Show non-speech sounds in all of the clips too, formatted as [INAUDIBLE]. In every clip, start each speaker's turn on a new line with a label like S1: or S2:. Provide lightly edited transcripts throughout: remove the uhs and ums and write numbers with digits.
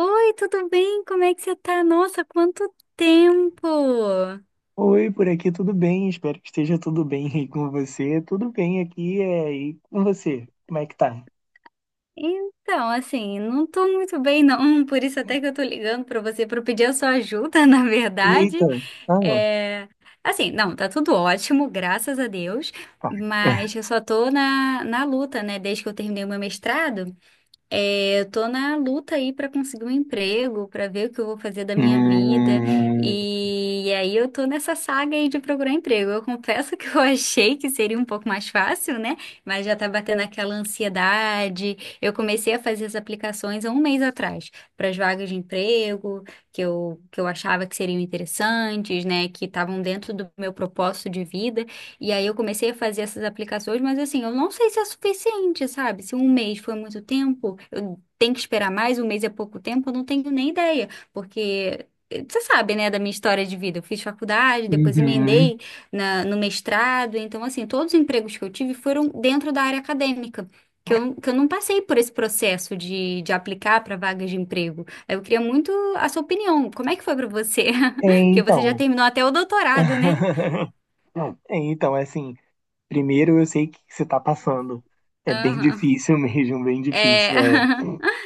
S1: Oi, tudo bem? Como é que você tá? Nossa, quanto tempo!
S2: Oi, por aqui tudo bem? Espero que esteja tudo bem aí com você. Tudo bem aqui e com você? Como é que tá?
S1: Então, assim, não tô muito bem não, [LAUGHS] por isso até que eu tô ligando pra você pra pedir a sua ajuda, [LAUGHS] na verdade.
S2: Eita, ah,
S1: É... Assim, não, tá tudo ótimo, graças a Deus,
S2: tá.
S1: mas
S2: [LAUGHS]
S1: eu só tô na luta, né, desde que eu terminei o meu mestrado. É, eu tô na luta aí para conseguir um emprego, para ver o que eu vou fazer da minha vida.
S2: Hum,
S1: E aí eu tô nessa saga aí de procurar emprego. Eu confesso que eu [LAUGHS] achei que seria um pouco mais fácil, né? Mas já tá batendo aquela ansiedade. Eu comecei a fazer as aplicações há um mês atrás para as vagas de emprego que eu achava que seriam interessantes, né? Que estavam dentro do meu propósito de vida. E aí eu comecei a fazer essas aplicações, mas assim, eu não sei se é suficiente, sabe? Se um mês foi muito tempo, eu tenho que esperar mais, um mês é pouco tempo, eu não tenho nem ideia, porque você sabe, né, da minha história de vida. Eu fiz faculdade, depois
S2: uhum.
S1: emendei no mestrado, então assim, todos os empregos que eu tive foram dentro da área acadêmica. Que eu não passei por esse processo de aplicar para vagas de emprego. Eu queria muito a sua opinião. Como é que foi para você?
S2: É,
S1: [LAUGHS] Porque você já
S2: então.
S1: terminou até o doutorado, né?
S2: [LAUGHS] É, então, é assim, primeiro eu sei que você tá passando. É bem
S1: Aham.
S2: difícil [LAUGHS] mesmo, bem
S1: É.
S2: difícil, é.
S1: [LAUGHS]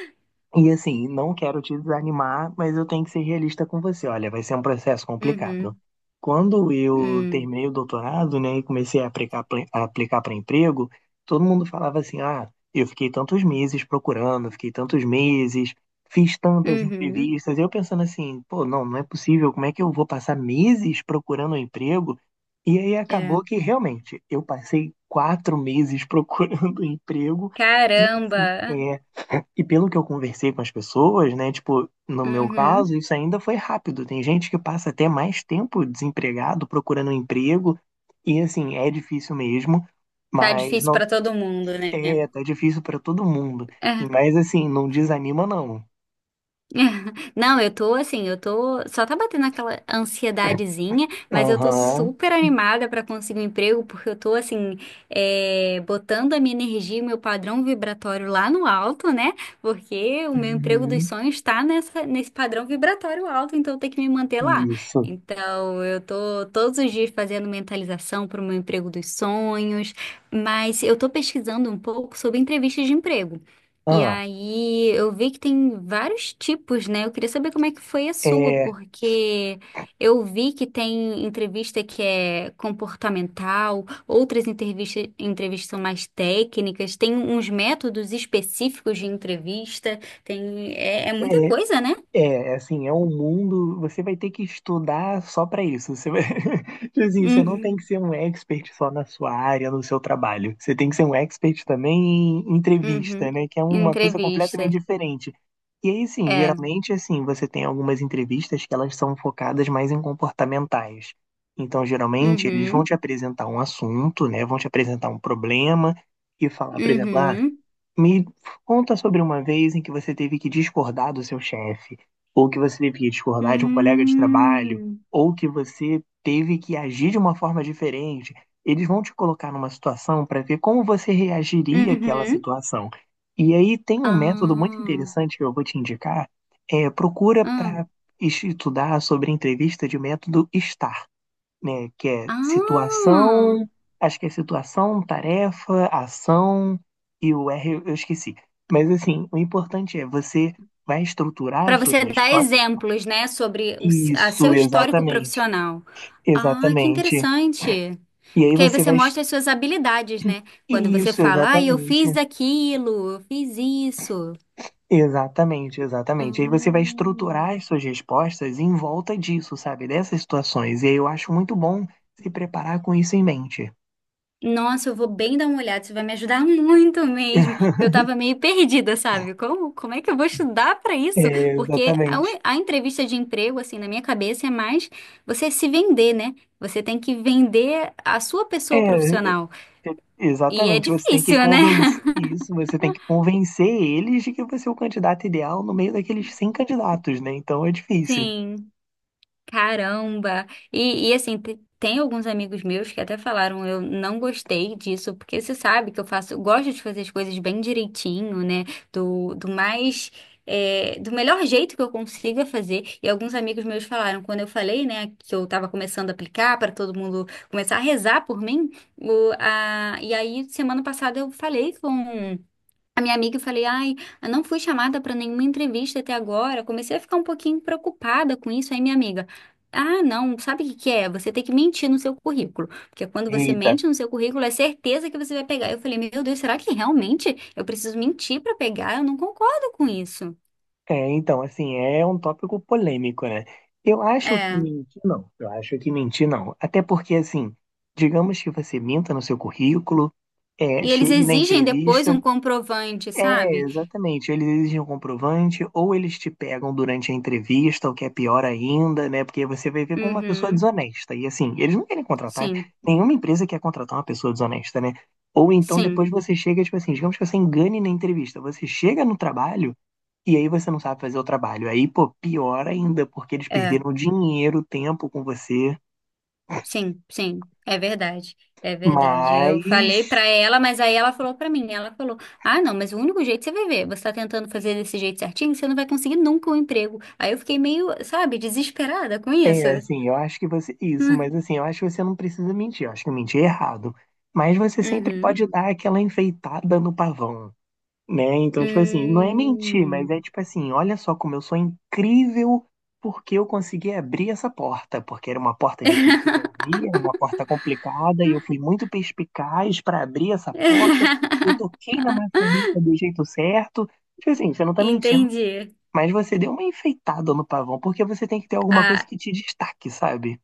S2: E assim, não quero te desanimar, mas eu tenho que ser realista com você. Olha, vai ser um processo complicado.
S1: Uhum.
S2: Quando eu
S1: Hum.
S2: terminei o doutorado, né, e comecei a aplicar para emprego, todo mundo falava assim: ah, eu fiquei tantos meses procurando, fiquei tantos meses, fiz tantas
S1: Uhum.
S2: entrevistas. Eu pensando assim: pô, não é possível, como é que eu vou passar meses procurando um emprego? E aí acabou
S1: É.
S2: que realmente eu passei quatro meses procurando [LAUGHS] emprego. E assim,
S1: Caramba.
S2: é, e pelo que eu conversei com as pessoas, né? Tipo, no meu caso,
S1: Uhum.
S2: isso ainda foi rápido. Tem gente que passa até mais tempo desempregado procurando um emprego. E assim, é difícil mesmo,
S1: Tá
S2: mas
S1: difícil
S2: não
S1: pra todo mundo, né?
S2: é, tá difícil para todo mundo.
S1: É.
S2: E mas assim, não desanima não.
S1: [LAUGHS] Não, eu tô assim, eu tô. Só tá batendo aquela ansiedadezinha, mas eu tô
S2: Aham.
S1: super animada pra conseguir um emprego, porque eu tô assim, é, botando a minha energia, e o meu padrão vibratório lá no alto, né? Porque o meu emprego dos
S2: Uhum.
S1: sonhos tá nesse padrão vibratório alto, então eu tenho que me manter lá.
S2: Isso.
S1: Então, eu tô todos os dias fazendo mentalização pro meu emprego dos sonhos, mas eu tô pesquisando um pouco sobre entrevistas de emprego. E
S2: Ah,
S1: aí, eu vi que tem vários tipos, né? Eu queria saber como é que foi a sua,
S2: é,
S1: porque eu vi que tem entrevista que é comportamental, outras entrevistas, entrevistas são mais técnicas, tem uns métodos específicos de entrevista, tem, é, é muita
S2: é,
S1: coisa, né?
S2: é, assim, é um mundo, você vai ter que estudar só para isso. Você vai... [LAUGHS] Tipo assim, você não tem que
S1: Uhum,
S2: ser um expert só na sua área, no seu trabalho. Você tem que ser um expert também em entrevista,
S1: uhum.
S2: né? Que é uma coisa
S1: Entrevista,
S2: completamente diferente. E aí, sim,
S1: é.
S2: geralmente, assim, você tem algumas entrevistas que elas são focadas mais em comportamentais. Então, geralmente, eles vão
S1: Uhum,
S2: te apresentar um assunto, né? Vão te apresentar um problema e falar, por exemplo, ah,
S1: uhum.
S2: me conta sobre uma vez em que você teve que discordar do seu chefe, ou que você teve que discordar de um colega de trabalho,
S1: Hum,
S2: ou que você teve que agir de uma forma diferente. Eles vão te colocar numa situação para ver como você reagiria àquela
S1: uhum.
S2: situação. E aí tem um método muito
S1: Ah,
S2: interessante que eu vou te indicar. É, procura
S1: ah.
S2: para estudar sobre entrevista de método STAR, né? Que é
S1: Ah,
S2: situação, acho que é situação, tarefa, ação e o R eu esqueci. Mas assim, o importante é você vai estruturar
S1: para
S2: as suas
S1: você dar
S2: respostas.
S1: exemplos, né, sobre a seu
S2: Isso,
S1: histórico
S2: exatamente.
S1: profissional. Ah, que
S2: Exatamente.
S1: interessante.
S2: E aí
S1: Porque aí
S2: você
S1: você
S2: vai.
S1: mostra as suas habilidades, né? Quando você
S2: Isso,
S1: fala, ah, eu
S2: exatamente.
S1: fiz aquilo, eu fiz isso.
S2: Exatamente. Aí você vai estruturar
S1: Hum.
S2: as suas respostas em volta disso, sabe? Dessas situações. E aí eu acho muito bom se preparar com isso em mente.
S1: Nossa, eu vou bem dar uma olhada, isso vai me ajudar muito mesmo. Porque eu
S2: [LAUGHS]
S1: tava meio perdida, sabe? Como é que eu vou estudar para isso?
S2: É,
S1: Porque
S2: exatamente.
S1: a entrevista de emprego, assim, na minha cabeça é mais você se vender, né? Você tem que vender a sua pessoa
S2: É,
S1: profissional. E é
S2: exatamente, você tem que
S1: difícil, né?
S2: convencer
S1: [LAUGHS]
S2: isso, você tem que convencer eles de que você é o candidato ideal no meio daqueles 100 candidatos, né? Então é difícil.
S1: Sim, caramba. E assim, tem alguns amigos meus que até falaram, eu não gostei disso, porque você sabe que eu faço, eu gosto de fazer as coisas bem direitinho, né? Do mais, é, do melhor jeito que eu consiga fazer. E alguns amigos meus falaram, quando eu falei, né, que eu tava começando a aplicar para todo mundo começar a rezar por mim, o, a, e aí semana passada eu falei com a minha amiga e falei, ai, eu não fui chamada para nenhuma entrevista até agora. Comecei a ficar um pouquinho preocupada com isso. Aí minha amiga, ah, não, sabe o que que é? Você tem que mentir no seu currículo. Porque quando você
S2: Eita.
S1: mente no seu currículo, é certeza que você vai pegar. Eu falei, meu Deus, será que realmente eu preciso mentir para pegar? Eu não concordo com isso.
S2: É, então, assim, é um tópico polêmico, né?
S1: É.
S2: Eu acho que mentir não. Até porque, assim, digamos que você minta no seu currículo, é,
S1: E eles
S2: chegue na
S1: exigem depois um
S2: entrevista.
S1: comprovante,
S2: É,
S1: sabe?
S2: exatamente. Eles exigem um comprovante, ou eles te pegam durante a entrevista, o que é pior ainda, né? Porque você vai ver com uma pessoa
S1: Uhum.
S2: desonesta. E assim, eles não querem contratar,
S1: Sim,
S2: nenhuma empresa quer contratar uma pessoa desonesta, né? Ou então depois
S1: sim.
S2: você chega, tipo assim, digamos que você engane na entrevista. Você chega no trabalho e aí você não sabe fazer o trabalho. Aí, pô, pior ainda, porque eles
S1: É.
S2: perderam dinheiro, tempo com você.
S1: Sim, sim, é verdade. É verdade. Eu
S2: Mas
S1: falei pra ela, mas aí ela falou pra mim, ela falou: "Ah, não, mas o único jeito você vai ver, você tá tentando fazer desse jeito certinho, você não vai conseguir nunca um emprego". Aí eu fiquei meio, sabe, desesperada com isso.
S2: é, assim, eu acho que você. Isso, mas
S1: Hum,
S2: assim, eu acho que você não precisa mentir. Eu acho que eu menti errado. Mas você sempre
S1: uhum.
S2: pode dar aquela enfeitada no pavão, né? Então, tipo assim, não é mentir, mas
S1: Hum.
S2: é tipo assim: olha só como eu sou incrível porque eu consegui abrir essa porta. Porque era uma porta difícil de abrir, era uma porta complicada, e eu fui muito perspicaz para abrir essa porta.
S1: [LAUGHS]
S2: Eu toquei na maçaneta do jeito certo. Tipo assim, você não tá mentindo.
S1: Entendi.
S2: Mas você deu uma enfeitada no pavão, porque você tem que ter alguma coisa
S1: Ah,
S2: que te destaque, sabe?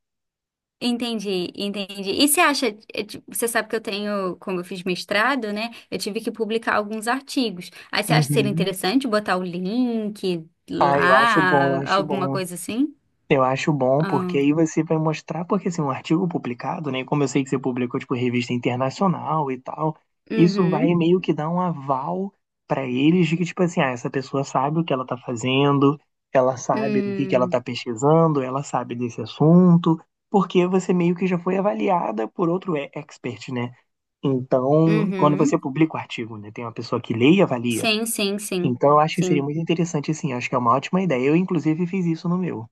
S1: entendi, entendi. E você acha, você sabe que eu tenho, como eu fiz mestrado, né? Eu tive que publicar alguns artigos. Aí você acha que seria
S2: Uhum.
S1: interessante botar o link
S2: Ah, eu
S1: lá,
S2: acho
S1: alguma
S2: bom.
S1: coisa assim?
S2: Eu acho bom, porque
S1: Ah,
S2: aí você vai mostrar, porque assim, um artigo publicado, né? Como eu sei que você publicou, tipo, revista internacional e tal, isso vai
S1: uhum,
S2: meio que dar um aval pra eles de que, tipo assim, ah, essa pessoa sabe o que ela tá fazendo, ela sabe do que ela tá
S1: hum,
S2: pesquisando, ela sabe desse assunto, porque você meio que já foi avaliada por outro expert, né? Então, quando você
S1: uhum.
S2: publica o artigo, né, tem uma pessoa que lê e avalia.
S1: Sim, sim, sim,
S2: Então, eu acho que seria
S1: sim.
S2: muito interessante, sim. Acho que é uma ótima ideia. Eu, inclusive, fiz isso no meu.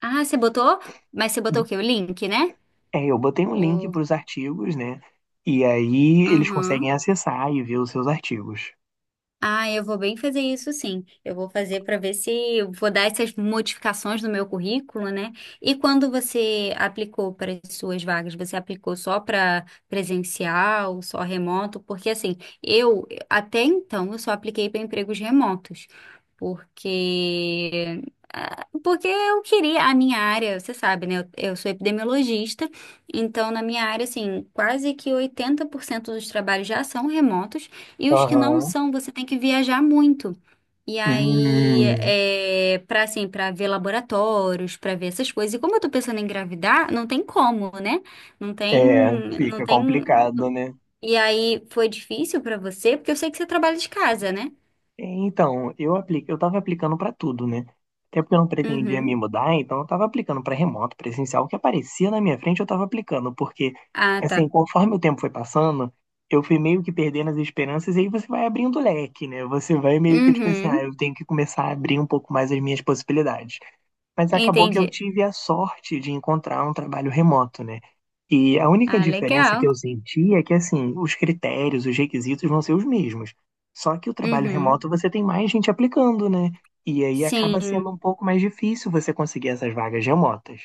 S1: Ah, você botou? Mas você botou o quê? O link, né?
S2: É, eu botei um link
S1: O,
S2: para os artigos, né? E aí eles conseguem
S1: uhum.
S2: acessar e ver os seus artigos.
S1: Ah, eu vou bem fazer isso sim. Eu vou fazer para ver se eu vou dar essas modificações no meu currículo, né? E quando você aplicou para as suas vagas, você aplicou só para presencial, só remoto? Porque assim, eu até então eu só apliquei para empregos remotos porque ah, porque eu queria a minha área, você sabe, né? Eu sou epidemiologista, então na minha área, assim, quase que 80% dos trabalhos já são remotos e os que não
S2: Aham.
S1: são, você tem que viajar muito. E aí,
S2: Hum,
S1: é, para assim, para ver laboratórios, para ver essas coisas. E como eu tô pensando em engravidar, não tem como, né? Não tem,
S2: é,
S1: não
S2: fica
S1: tem.
S2: complicado, né?
S1: E aí, foi difícil para você, porque eu sei que você trabalha de casa, né?
S2: É, então, eu aplico, eu tava aplicando pra tudo, né? Até porque eu não pretendia me
S1: Uhum.
S2: mudar, então eu tava aplicando pra remoto, presencial, o que aparecia na minha frente eu tava aplicando, porque
S1: Ah, tá.
S2: assim, conforme o tempo foi passando, eu fui meio que perdendo as esperanças e aí você vai abrindo o leque, né? Você vai meio que tipo assim, ah,
S1: Uhum,
S2: eu tenho que começar a abrir um pouco mais as minhas possibilidades. Mas acabou que eu
S1: entendi.
S2: tive a sorte de encontrar um trabalho remoto, né? E a única
S1: Ah,
S2: diferença que
S1: legal.
S2: eu senti é que, assim, os critérios, os requisitos vão ser os mesmos. Só que o trabalho
S1: Uhum,
S2: remoto você tem mais gente aplicando, né? E aí acaba sendo um
S1: sim,
S2: pouco mais difícil você conseguir essas vagas remotas.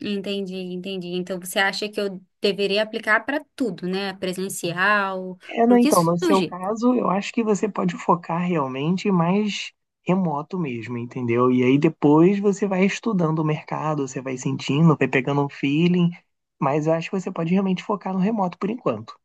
S1: entendi, entendi. Então você acha que eu deveria aplicar para tudo, né? Presencial,
S2: É, não,
S1: para o que
S2: então, no seu
S1: surgir.
S2: caso, eu acho que você pode focar realmente mais remoto mesmo, entendeu? E aí depois você vai estudando o mercado, você vai sentindo, vai pegando um feeling, mas eu acho que você pode realmente focar no remoto por enquanto.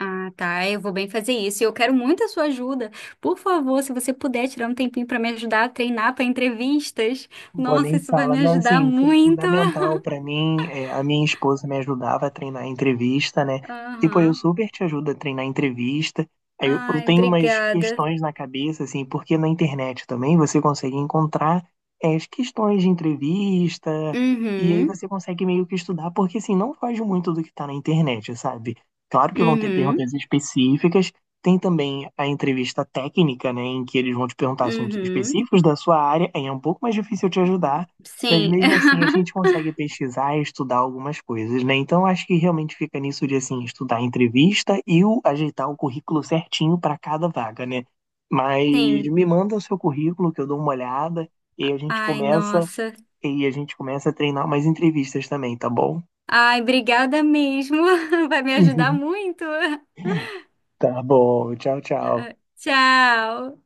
S1: Ah, tá, eu vou bem fazer isso. E eu quero muito a sua ajuda. Por favor, se você puder tirar um tempinho para me ajudar a treinar para entrevistas.
S2: Bom,
S1: Nossa,
S2: nem
S1: isso vai
S2: fala,
S1: me
S2: mas
S1: ajudar
S2: assim, foi
S1: muito.
S2: fundamental pra mim. É, a minha esposa me ajudava a treinar a entrevista, né? E pô, eu
S1: Aham.
S2: super te ajudo a treinar a entrevista. Aí eu
S1: Ai,
S2: tenho umas
S1: obrigada.
S2: questões na cabeça, assim, porque na internet também você consegue encontrar as questões de entrevista, e aí
S1: Uhum,
S2: você consegue meio que estudar, porque assim, não foge muito do que tá na internet, sabe? Claro que vão ter
S1: uhum,
S2: perguntas específicas, tem também a entrevista técnica, né, em que eles vão te perguntar assuntos
S1: uhum.
S2: específicos da sua área, aí é um pouco mais difícil te ajudar, mas
S1: Sim.
S2: mesmo assim a
S1: [LAUGHS]
S2: gente consegue pesquisar e estudar algumas coisas, né? Então acho que realmente fica nisso de assim estudar a entrevista e o, ajeitar o currículo certinho para cada vaga, né? Mas
S1: Sim.
S2: me manda o seu currículo que eu dou uma olhada e a gente
S1: Ai,
S2: começa
S1: nossa.
S2: e a gente começa a treinar mais entrevistas também, tá bom?
S1: Ai, obrigada mesmo. [LAUGHS] Vai me ajudar
S2: [LAUGHS]
S1: muito.
S2: Tá bom, tchau, tchau.
S1: Tchau.